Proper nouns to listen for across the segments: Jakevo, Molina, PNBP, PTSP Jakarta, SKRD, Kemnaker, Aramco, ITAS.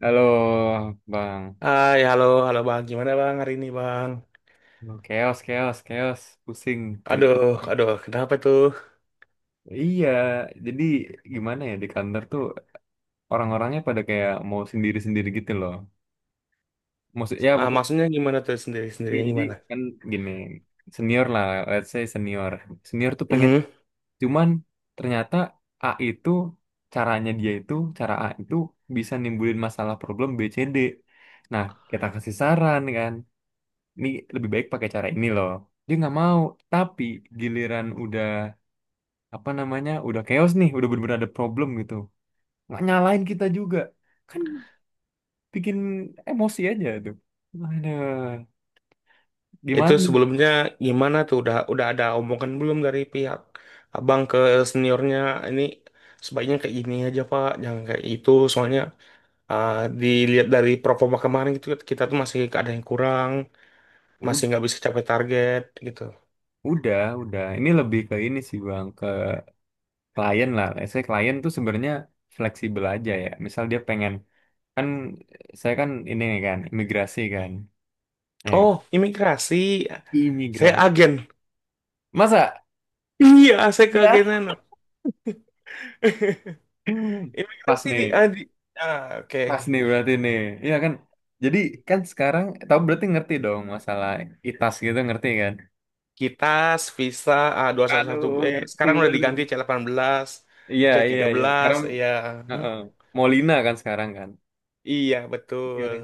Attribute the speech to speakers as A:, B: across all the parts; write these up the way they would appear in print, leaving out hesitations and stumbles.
A: Halo, Bang.
B: Hai, halo, halo Bang. Gimana Bang hari ini Bang?
A: Aduh, chaos, chaos, chaos. Pusing kerja.
B: Aduh, aduh, kenapa tuh?
A: Iya, jadi gimana ya di kantor tuh orang-orangnya pada kayak mau sendiri-sendiri gitu loh. Maksud, ya
B: Ah,
A: pokok,
B: maksudnya gimana tuh sendiri-sendiri
A: ya jadi
B: gimana?
A: kan gini, senior lah, let's say senior. Senior tuh pengen,
B: Mhm.
A: cuman ternyata A itu, caranya dia itu, cara A itu bisa nimbulin masalah problem BCD. Nah, kita kasih saran kan. Ini lebih baik pakai cara ini loh, dia nggak mau, tapi giliran udah apa namanya udah chaos nih udah bener-bener ada problem gitu, nggak nyalain kita juga kan, bikin emosi aja tuh, ada
B: Itu
A: gimana nih.
B: sebelumnya gimana tuh? Udah ada omongan belum dari pihak Abang ke seniornya? Ini sebaiknya kayak gini aja Pak, jangan kayak itu. Soalnya ah, dilihat dari performa kemarin gitu, kita tuh masih ada yang kurang, masih
A: U-
B: nggak bisa capai target gitu.
A: udah ini lebih ke ini sih Bang, ke klien lah. Saya klien tuh sebenarnya fleksibel aja, ya misal dia pengen kan, saya kan ini kan imigrasi kan, ya,
B: Oh, imigrasi. Saya
A: imigrasi
B: agen.
A: masa
B: Iya, saya
A: ya.
B: keagenan.
A: Pas
B: Imigrasi
A: nih.
B: di, oke.
A: Pas nih berarti nih. Iya kan? Jadi kan sekarang tahu, berarti ngerti dong masalah ITAS gitu, ngerti kan?
B: Kitas, visa A211B.
A: Aduh, ngerti
B: Sekarang udah
A: berarti.
B: diganti C18,
A: Iya,
B: c
A: iya,
B: tiga
A: iya.
B: belas
A: Sekarang
B: ya.
A: heeh, Molina kan sekarang kan.
B: Iya,
A: Iya
B: betul.
A: kan?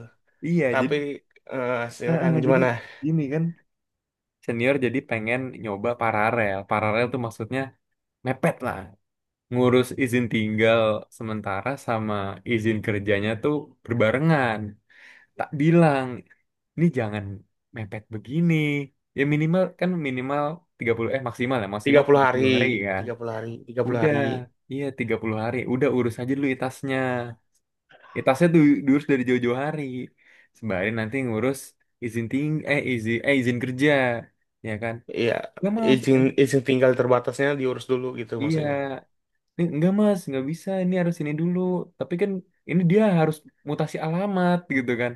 A: Iya, jadi
B: Tapi
A: heeh,
B: silakan
A: jadi
B: gimana?
A: gini kan, senior jadi pengen nyoba paralel. Paralel tuh maksudnya mepet lah. Ngurus izin tinggal sementara sama izin kerjanya tuh berbarengan. Tak bilang ini jangan mepet begini. Ya minimal kan minimal 30 maksimal ya,
B: tiga
A: maksimal
B: puluh hari,
A: 30 hari kan.
B: tiga puluh hari, tiga puluh
A: Udah,
B: hari.
A: iya 30 hari. Udah urus aja dulu itasnya. Itasnya tuh diurus dari jauh-jauh hari. Sembari nanti ngurus izin ting eh izin kerja, ya kan?
B: Iya,
A: Enggak Mas.
B: izin izin tinggal terbatasnya diurus dulu gitu
A: Iya.
B: maksudnya.
A: Ini enggak Mas, nggak bisa. Ini harus ini dulu. Tapi kan ini dia harus mutasi alamat gitu kan.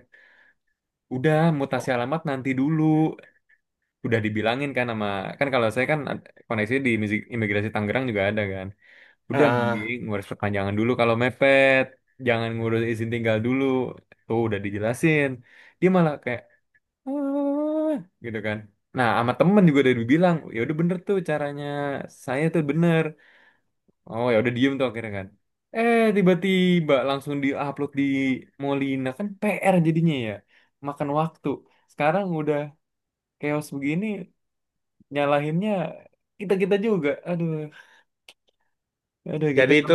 A: Udah, mutasi alamat nanti dulu. Udah dibilangin kan, sama kan, kalau saya kan koneksi di imigrasi Tangerang juga ada kan. Udah
B: Ah,
A: mending ngurus perpanjangan dulu kalau mepet, jangan ngurus izin tinggal dulu. Tuh udah dijelasin, dia malah kayak, "Ah," gitu kan. Nah, sama temen juga udah dibilang ya udah bener tuh caranya, saya tuh bener. Oh ya udah, diem tuh akhirnya kan, eh tiba-tiba langsung diupload di Molina kan, PR jadinya ya, makan waktu. Sekarang udah chaos begini, nyalahinnya kita kita juga, aduh, aduh gitu.
B: jadi itu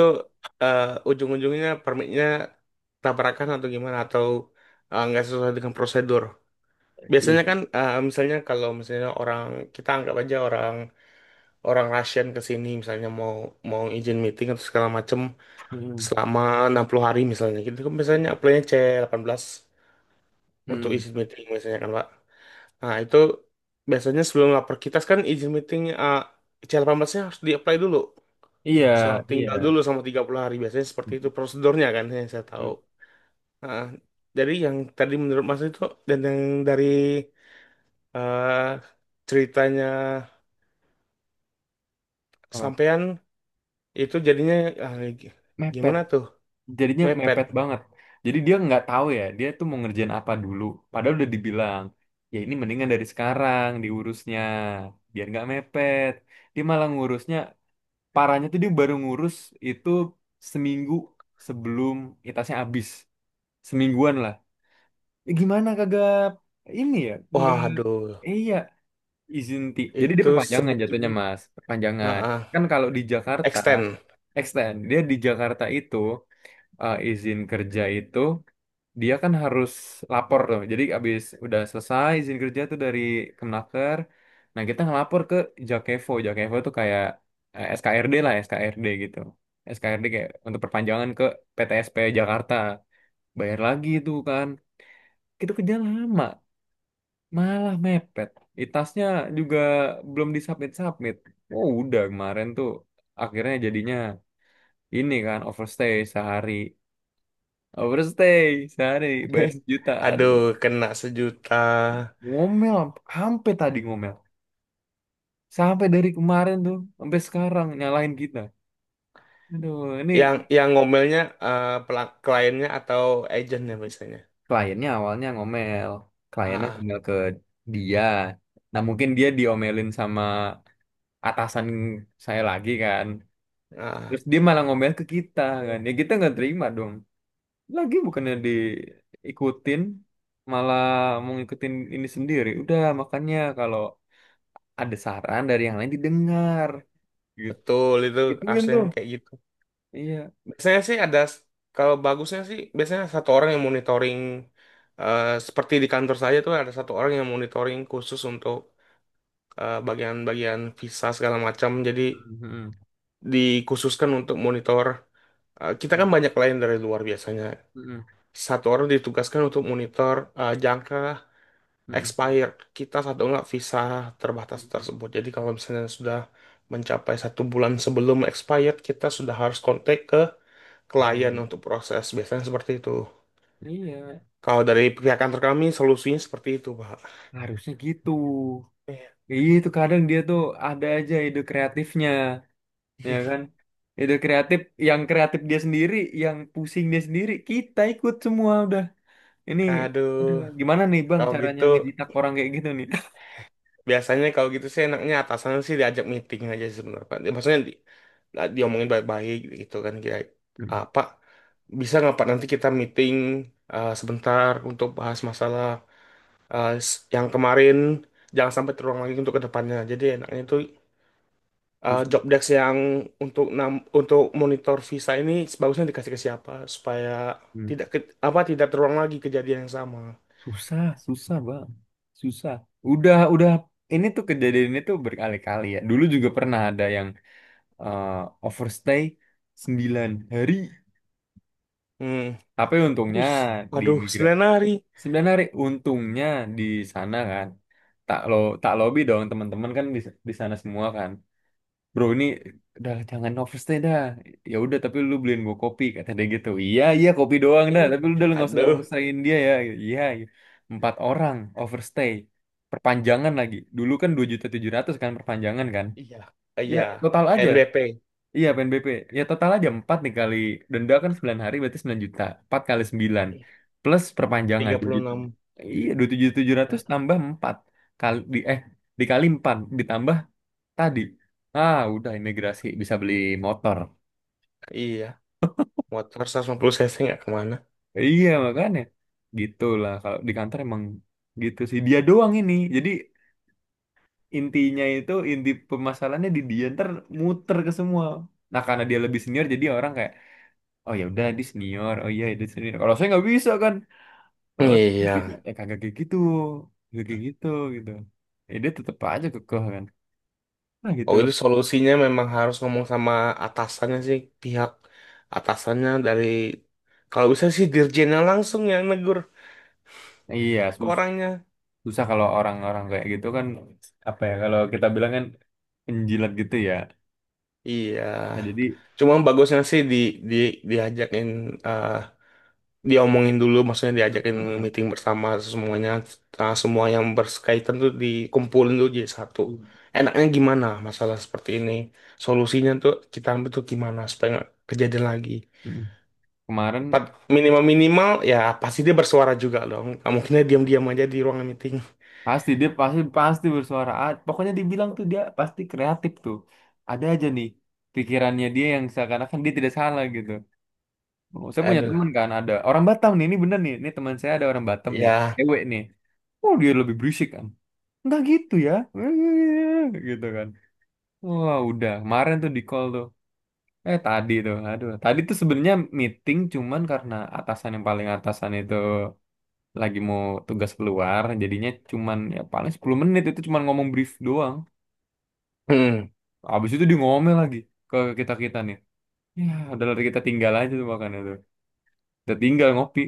B: eh, ujung-ujungnya permitnya tabrakan atau gimana atau nggak sesuai dengan prosedur. Biasanya kan
A: Ih,
B: misalnya kalau misalnya orang kita anggap aja orang orang Russian ke sini misalnya mau mau izin meeting atau segala macem
A: hmm,
B: selama 60 hari misalnya gitu kan biasanya apply-nya C18 untuk
A: hmm.
B: izin meeting biasanya kan Pak. Nah, itu biasanya sebelum lapor kita kan izin meeting, C18-nya harus di-apply dulu.
A: Iya,
B: Selama
A: iya.
B: tinggal dulu sama 30 hari biasanya seperti itu
A: Hmm,
B: prosedurnya kan yang saya tahu.
A: hmm.
B: Nah, dari yang tadi menurut Mas itu dan yang dari eh, ceritanya
A: Apa,
B: kesampean itu jadinya ah, gi-
A: mepet,
B: gimana tuh?
A: jadinya
B: Mepet.
A: mepet banget. Jadi dia nggak tahu ya dia tuh mau ngerjain apa dulu, padahal udah dibilang ya ini mendingan dari sekarang diurusnya biar nggak mepet. Dia malah ngurusnya, parahnya tuh dia baru ngurus itu seminggu sebelum itasnya habis, semingguan lah. Gimana kagak ini ya? Enggak.
B: Waduh,
A: Iya, izin ti. Jadi dia
B: itu
A: perpanjangan
B: sebujur.
A: jatuhnya, Mas.
B: Nah,
A: Perpanjangan. Kan kalau di Jakarta,
B: extend.
A: extend. Dia di Jakarta itu, izin kerja itu dia kan harus lapor tuh. Jadi abis udah selesai izin kerja tuh dari Kemnaker. Nah, kita ngelapor ke Jakevo. Jakevo tuh kayak SKRD lah, SKRD gitu. SKRD kayak untuk perpanjangan ke PTSP Jakarta. Bayar lagi itu kan. Itu kerja lama. Malah mepet. Itasnya juga belum disubmit-submit. Oh, udah kemarin tuh akhirnya jadinya ini kan overstay sehari. Overstay sehari bayar 1 juta.
B: Aduh,
A: Aduh,
B: kena 1 juta.
A: ngomel sampai tadi ngomel. Sampai dari kemarin tuh sampai sekarang nyalahin kita. Aduh, ini
B: Yang ngomelnya, kliennya atau agentnya biasanya.
A: kliennya awalnya ngomel. Kliennya
B: Ah,
A: ngomel ke dia. Nah, mungkin dia diomelin sama atasan saya lagi kan.
B: ah, ah,
A: Terus dia malah ngomel ke kita kan. Ya kita nggak terima dong. Lagi bukannya diikutin, malah mau ngikutin ini sendiri. Udah makanya kalau ada saran dari yang lain didengar. Gitu.
B: betul itu,
A: Gituin
B: harusnya
A: tuh.
B: kayak gitu.
A: Iya.
B: Biasanya sih ada, kalau bagusnya sih biasanya satu orang yang monitoring, seperti di kantor saya tuh ada satu orang yang monitoring khusus untuk bagian-bagian visa segala macam. Jadi
A: Mhm.
B: dikhususkan untuk monitor. Eh, kita kan banyak klien dari luar biasanya.
A: Mhm.
B: Satu orang ditugaskan untuk monitor, jangka
A: Mhm.
B: expired kita satu enggak visa terbatas
A: Mhm.
B: tersebut. Jadi kalau misalnya sudah mencapai satu bulan sebelum expired, kita sudah harus kontak ke klien
A: Lain.
B: untuk proses. Biasanya seperti itu.
A: Iya.
B: Kalau dari pihak kantor kami, solusinya seperti itu, Pak.
A: Harusnya gitu.
B: Iya.
A: Iya itu kadang dia tuh ada aja ide kreatifnya. Ya kan? Ide kreatif, yang kreatif dia sendiri, yang pusing dia sendiri, kita ikut semua udah. Ini,
B: Aduh,
A: aduh, gimana nih Bang
B: kalau
A: caranya
B: gitu
A: ngejitak orang kayak gitu nih?
B: biasanya kalau gitu sih enaknya atasan sih diajak meeting aja sih sebenarnya Pak. Maksudnya di, nah, diomongin baik-baik gitu kan, kira
A: Hmm,
B: apa bisa nggak Pak nanti kita meeting sebentar untuk bahas masalah, yang kemarin jangan sampai terulang lagi untuk kedepannya, jadi enaknya itu
A: susah.
B: job desk yang untuk monitor visa ini sebagusnya dikasih ke siapa supaya
A: Hmm.
B: tidak ke- apa tidak terulang lagi kejadian yang sama.
A: Susah, susah Bang. Susah. Udah, udah. Ini tuh kejadian ini tuh berkali-kali ya. Dulu juga pernah ada yang eh, overstay 9 hari.
B: Hmm,
A: Tapi untungnya
B: bus,
A: di
B: waduh,
A: migra
B: 9 hari.
A: 9 hari. Untungnya di sana kan. Tak lo, tak lobby dong teman-teman kan di sana semua kan. Bro ini udah jangan overstay dah. Ya udah tapi lu beliin gua kopi, kata dia gitu. Iya iya kopi doang dah,
B: Ih,
A: tapi lu udah lu nggak usah
B: aduh.
A: overstayin dia, ya. Iya, iya. Empat orang overstay, perpanjangan lagi dulu kan 2.700.000 kan, perpanjangan kan,
B: Iya,
A: ya
B: iya.
A: total aja.
B: NBP
A: Iya, PNBP, ya total aja empat dikali. Denda kan 9 hari berarti 9 juta, empat kali sembilan, plus perpanjangan 2 juta,
B: enam.
A: iya dua tujuh,
B: Ya.
A: tambah empat kali di eh dikali empat, ditambah tadi, ah udah imigrasi bisa beli motor.
B: Iya, motor 150 cc nggak kemana.
A: Iya makanya gitulah, kalau di kantor emang gitu sih, dia doang ini, jadi intinya itu inti permasalahannya di dia, ntar muter ke semua. Nah karena dia lebih senior, jadi orang kayak oh ya udah dia senior, oh iya dia senior kalau saya nggak bisa kan. Kalau saya nggak bisa
B: Iya.
A: ya kagak kayak gitu, kagak kayak gitu gitu. Ya dia tetap aja kekeh kan. Nah
B: Oh,
A: gitulah.
B: itu solusinya memang harus ngomong sama atasannya sih, pihak atasannya dari, kalau bisa sih dirjennya langsung yang negur
A: Iya
B: ke
A: susah.
B: orangnya.
A: Susah kalau orang-orang kayak gitu kan, apa ya kalau kita bilang kan penjilat gitu ya.
B: Iya.
A: Nah jadi,
B: Cuma bagusnya sih di diajakin, eh, diomongin dulu, maksudnya diajakin
A: heeh.
B: meeting bersama semuanya. Nah, semua yang berkaitan tuh dikumpulin dulu jadi satu, enaknya gimana masalah seperti ini, solusinya tuh kita ambil tuh gimana supaya nggak kejadian lagi.
A: Mm. Kemarin
B: Minimal minimal ya, pasti dia bersuara juga dong, nggak mungkin dia diam-diam aja di ruangan meeting.
A: pasti dia pasti pasti bersuara. Ah, pokoknya dibilang tuh dia pasti kreatif tuh, ada aja nih pikirannya dia yang seakan-akan dia tidak salah gitu. Oh, saya punya teman
B: Aduh,
A: kan ada orang Batam nih, ini bener nih, ini teman saya ada orang Batam nih,
B: ya.
A: cewek nih. Oh dia lebih berisik kan, nggak gitu ya, gitu kan. Wah udah kemarin tuh di call tuh. Eh tadi tuh, aduh. Tadi tuh sebenarnya meeting, cuman karena atasan yang paling atasan itu lagi mau tugas keluar, jadinya cuman ya paling 10 menit itu cuman ngomong brief doang.
B: Hmm.
A: Habis itu dia ngomel lagi ke kita-kita nih. Ya, udah lah, kita tinggal aja tuh makanya tuh. Kita tinggal ngopi.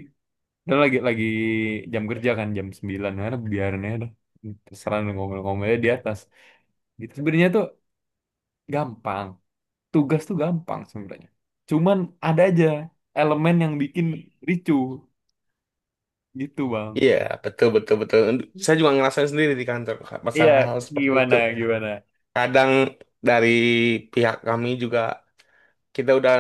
A: Udah lagi jam kerja kan jam 9 ya, udah biarin aja dah. Terserah lu ngomel-ngomelnya di atas. Gitu sebenarnya tuh gampang. Tugas tuh gampang sebenarnya. Cuman ada aja elemen yang bikin ricuh. Gitu Bang.
B: Iya, betul, betul, betul. Saya juga ngerasain sendiri di kantor, Kak,
A: Iya,
B: masalah hal seperti
A: gimana
B: itu.
A: gimana.
B: Kadang dari pihak kami juga, kita udah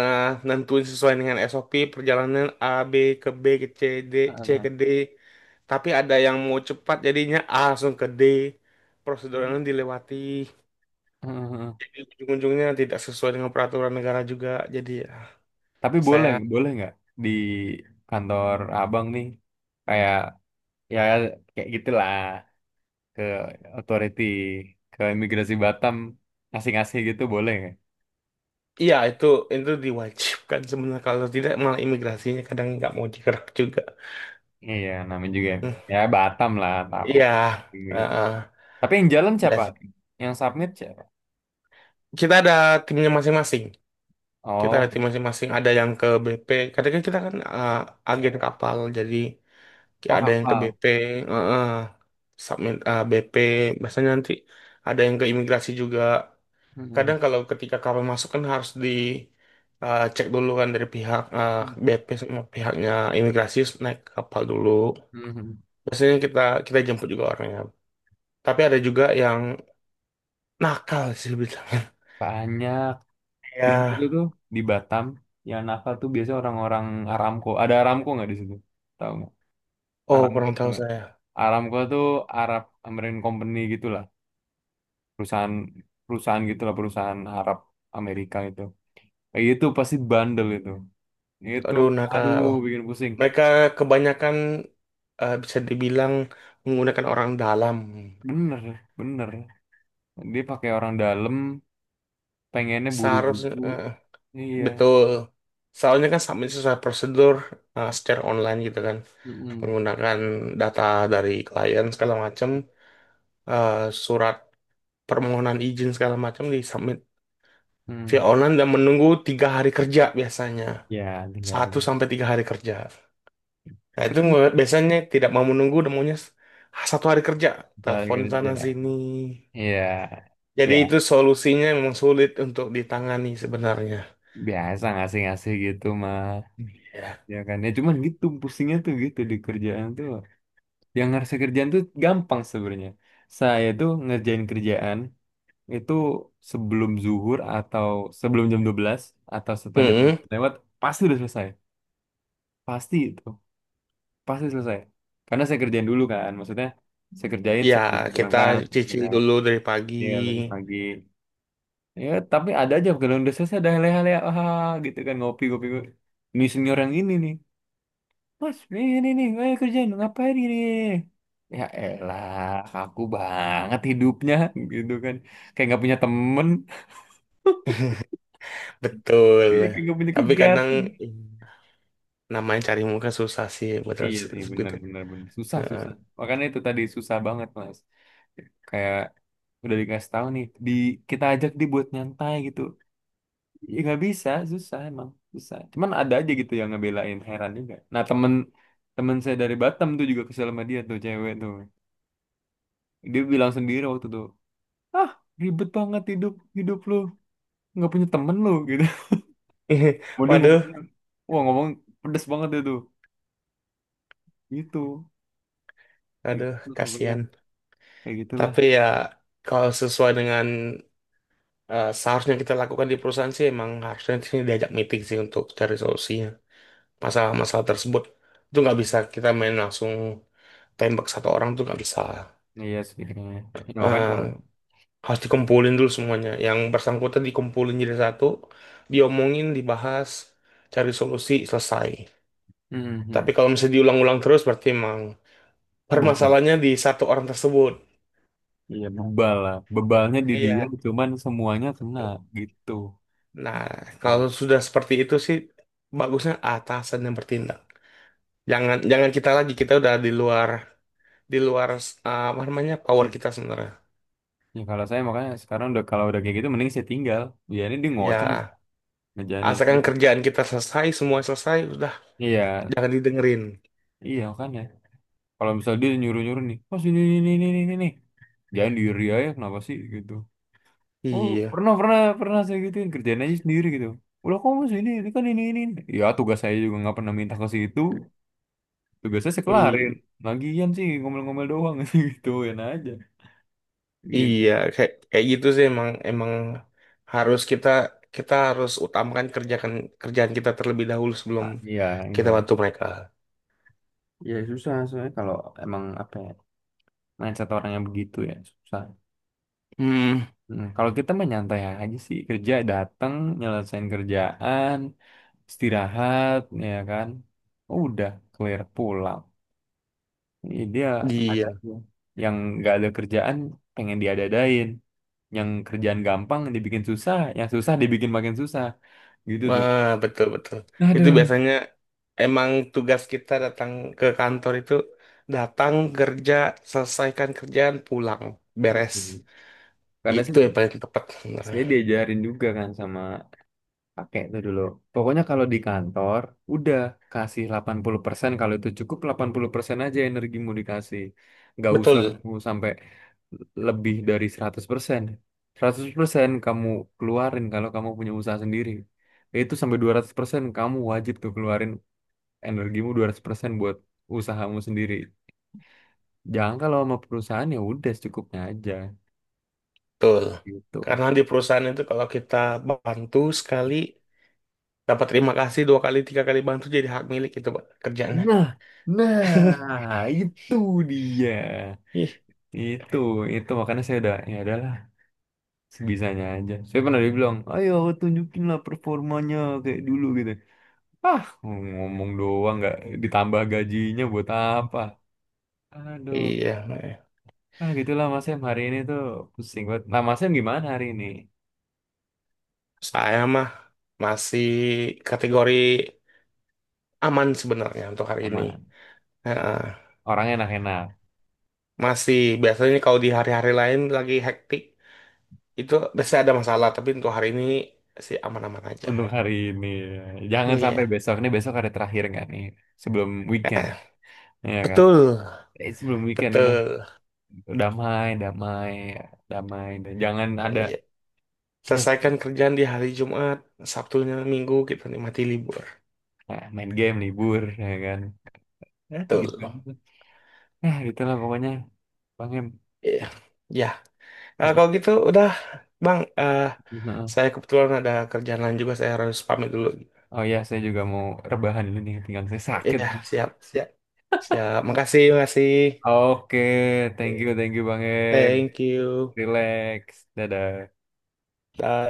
B: nentuin sesuai dengan SOP perjalanan A B ke C D, C ke
A: Heeh.
B: D, tapi ada yang mau cepat jadinya A langsung ke D, prosedurnya dilewati,
A: Heeh.
B: jadi ujung-ujungnya tidak sesuai dengan peraturan negara juga. Jadi ya,
A: Tapi
B: saya.
A: boleh boleh nggak di kantor Abang nih kayak ya kayak gitulah, ke authority ke imigrasi Batam ngasih-ngasih gitu boleh nggak?
B: Iya, itu diwajibkan sebenarnya, kalau tidak malah imigrasinya kadang nggak mau digerak juga.
A: Iya, namanya juga
B: Hmm,
A: ya Batam lah tahu.
B: iya,
A: Iya.
B: heeh.
A: Tapi yang jalan siapa?
B: Biasa,
A: Yang submit siapa?
B: kita ada timnya masing-masing, kita ada
A: Oh,
B: tim masing-masing, ada yang ke BP kadang, kan kita kan agen kapal jadi kayak
A: oh
B: ada yang ke
A: kapal.
B: BP, uh, uh, submit BP biasanya, nanti ada yang ke imigrasi juga
A: Heeh.
B: kadang kalau ketika kapal masuk kan harus di cek dulu kan, dari pihak BP sama pihaknya imigrasi, terus naik ke kapal dulu
A: Heeh.
B: biasanya. Kita kita jemput juga orangnya, tapi ada juga yang nakal sih bisa.
A: Banyak. Di situ
B: Ya,
A: tuh di Batam yang nakal tuh biasanya orang-orang Aramco. Ada Aramco nggak di situ? Tahu nggak?
B: oh
A: Aramco
B: kurang
A: tuh
B: tahu
A: nggak?
B: saya.
A: Aramco tuh Arab American Company gitulah, perusahaan perusahaan gitulah, perusahaan Arab Amerika itu. Eh, itu pasti bandel itu. Itu
B: Aduh,
A: aduh
B: nakal.
A: bikin pusing.
B: Mereka kebanyakan, bisa dibilang menggunakan orang dalam.
A: Bener, bener. Dia pakai orang dalam, pengennya
B: Seharusnya,
A: buru-buru. Iya.
B: betul. Soalnya kan submit sesuai prosedur, secara online gitu kan,
A: Mm-mm.
B: menggunakan data dari klien segala macam, eh, surat permohonan izin segala macam di submit via
A: Mm.
B: online, dan menunggu 3 hari kerja biasanya,
A: Ya,
B: satu
A: tinggalin.
B: sampai tiga hari kerja. Nah itu
A: Itu
B: biasanya tidak mau menunggu, dan maunya satu hari kerja,
A: kan
B: telepon sana
A: kerja.
B: sini.
A: Iya.
B: Jadi
A: Ya.
B: itu solusinya memang sulit untuk ditangani sebenarnya.
A: Biasa ngasih-ngasih gitu mah,
B: Ya.
A: ya kan. Ya cuman gitu pusingnya tuh gitu di kerjaan tuh. Yang ngerasa kerjaan tuh gampang sebenarnya, saya tuh ngerjain kerjaan itu sebelum zuhur atau sebelum jam 12 atau setelah jam
B: Mm-mm.
A: 12 lewat pasti udah selesai, pasti itu, pasti selesai. Karena saya kerjain dulu kan, maksudnya saya kerjain
B: Ya,
A: sebelum saya
B: kita
A: berangkat, ya
B: cicil
A: kan?
B: dulu dari pagi.
A: Iya, dari pagi ya. Tapi ada aja kalau udah selesai ada leha-leha ah, gitu kan ngopi-ngopi, ini senior yang ini nih, "Mas, ini nih, ayo kerjain, ngapain ini?" Ya elah, aku banget hidupnya, gitu kan. Kayak nggak punya temen,
B: Betul.
A: iya, kayak nggak punya
B: Tapi kadang,
A: kegiatan.
B: mm, namanya cari muka susah sih, betul
A: Iya sih, benar,
B: segitu.
A: benar, benar. Susah, susah.
B: Heeh.
A: Makanya itu tadi susah banget, Mas. Kayak udah dikasih tahu nih, di kita ajak dia buat nyantai gitu. Ya nggak bisa, susah emang, susah. Cuman ada aja gitu yang ngebelain, heran juga. Nah, temen temen saya dari Batam tuh juga kesel sama dia tuh, cewek tuh. Dia bilang sendiri waktu itu, ah ribet banget hidup, hidup lu nggak punya temen lu gitu. Mau dia
B: Waduh,
A: ngomongnya, wah ngomong pedes banget itu gitu, kayak
B: aduh,
A: gitu pokoknya.
B: kasihan.
A: Kayak gitulah.
B: Tapi ya kalau sesuai dengan, seharusnya kita lakukan di perusahaan, sih emang harusnya di sini diajak meeting sih untuk cari solusinya masalah-masalah tersebut. Itu nggak bisa kita main langsung tembak satu orang tuh nggak bisa.
A: Iya sih kayaknya ya, makanya
B: eh,
A: kalau
B: Harus dikumpulin dulu semuanya. Yang bersangkutan dikumpulin jadi satu, diomongin, dibahas, cari solusi, selesai.
A: hmm,
B: Tapi
A: hmm.
B: kalau misalnya diulang-ulang terus, berarti emang
A: Bebal,
B: permasalahannya di satu orang tersebut.
A: iya bebal lah, bebalnya di dia
B: Iya.
A: cuman semuanya kena gitu.
B: Nah,
A: Oh,
B: kalau
A: iya.
B: sudah seperti itu sih, bagusnya atasan yang bertindak. Jangan jangan kita lagi, kita udah di luar, di luar apa namanya power kita sebenarnya.
A: Ya kalau saya makanya sekarang udah kalau udah kayak gitu mending saya tinggal, biarin dia ngoceh,
B: Ya,
A: ngejanin,
B: asalkan
A: jadi
B: kerjaan kita selesai, semua selesai, udah
A: iya
B: jangan didengerin.
A: iya kan ya. Kalau misalnya dia nyuruh nyuruh nih oh sini ini, jangan diri aja kenapa sih gitu. Oh,
B: Iya.
A: pernah, pernah, pernah saya gituin. Kerjaan aja sendiri gitu. "Udah kamu sini, ini kan ini, ini. Ini." Ya, tugas saya juga nggak pernah minta ke situ. Tugas saya kelarin. Lagian sih, ngomel-ngomel doang. Gituin aja. Iya.
B: Iya, kayak kayak gitu sih emang emang harus kita, kita harus utamakan kerjakan kerjaan kita terlebih dahulu sebelum
A: Ah, iya,
B: kita
A: iya.
B: bantu mereka.
A: Iya, susah soalnya kalau emang apa ya, mindset orang yang begitu ya, susah.
B: Hmm,
A: Hmm, kalau kita mah nyantai aja sih, kerja datang, nyelesain kerjaan, istirahat, ya kan. Udah, clear pulang. Iya. Dia ada.
B: iya,
A: Yang nggak ada kerjaan pengen diadadain, yang kerjaan gampang dibikin susah, yang susah dibikin makin susah, gitu tuh.
B: wah betul betul. Itu
A: Aduh.
B: biasanya emang tugas kita datang ke kantor itu, datang kerja, selesaikan kerjaan, pulang, beres.
A: Gitu. Karena saya,
B: Itu yang paling tepat sebenarnya.
A: saya diajarin juga kan sama, pakai itu dulu. Pokoknya kalau di kantor, udah kasih 80%. Kalau itu cukup, 80% aja energimu dikasih. Nggak
B: Betul
A: usah kamu sampai lebih dari 100%. 100% kamu keluarin kalau kamu punya usaha sendiri. Itu sampai 200% kamu wajib tuh keluarin, energimu 200% buat usahamu sendiri. Jangan kalau sama perusahaan ya udah secukupnya aja
B: betul.
A: gitu.
B: Karena di perusahaan itu kalau kita bantu sekali dapat terima kasih, dua kali, tiga kali bantu jadi hak milik itu, Pak, kerjaannya.
A: Nah, nah itu dia.
B: Ih.
A: Itu, itu makanya saya udah ya adalah sebisanya aja. Saya pernah dibilang, ayo tunjukin lah performanya kayak dulu gitu. Ah, ngomong doang, nggak ditambah gajinya buat apa? Aduh,
B: Iya, Mbak.
A: ah gitulah Mas Em, hari ini tuh pusing banget. Nah Mas Em gimana hari ini?
B: Saya mah masih kategori aman sebenarnya untuk hari ini.
A: Aman,
B: Heeh.
A: orang enak-enak
B: Masih, biasanya kalau di hari-hari lain lagi hektik itu biasanya ada masalah, tapi untuk hari ini sih aman-aman aja.
A: untuk hari ini. Jangan sampai
B: Iya.
A: besok, ini besok hari terakhir nggak nih sebelum weekend,
B: Eh,
A: ya kan?
B: betul,
A: Eh, sebelum weekend udah
B: betul.
A: damai, damai, damai. Dan jangan ada
B: Iya.
A: ya.
B: Selesaikan kerjaan di hari Jumat, Sabtunya Minggu kita nikmati libur.
A: Nah, main game libur ya kan. Ya, gitu
B: Betul.
A: aja tuh. Nah, gitu lah pokoknya. Bang Em.
B: Iya, ya. Nah,
A: Nah,
B: kalau gitu udah, Bang.
A: heeh.
B: Saya kebetulan ada kerjaan lain juga, saya harus pamit dulu.
A: Oh ya, saya juga mau rebahan dulu nih, pinggang saya sakit.
B: Iya, siap, siap, siap. Makasih, makasih.
A: Oke,
B: Eh,
A: thank you Bang Em.
B: thank you.
A: Relax. Dadah.
B: Dah.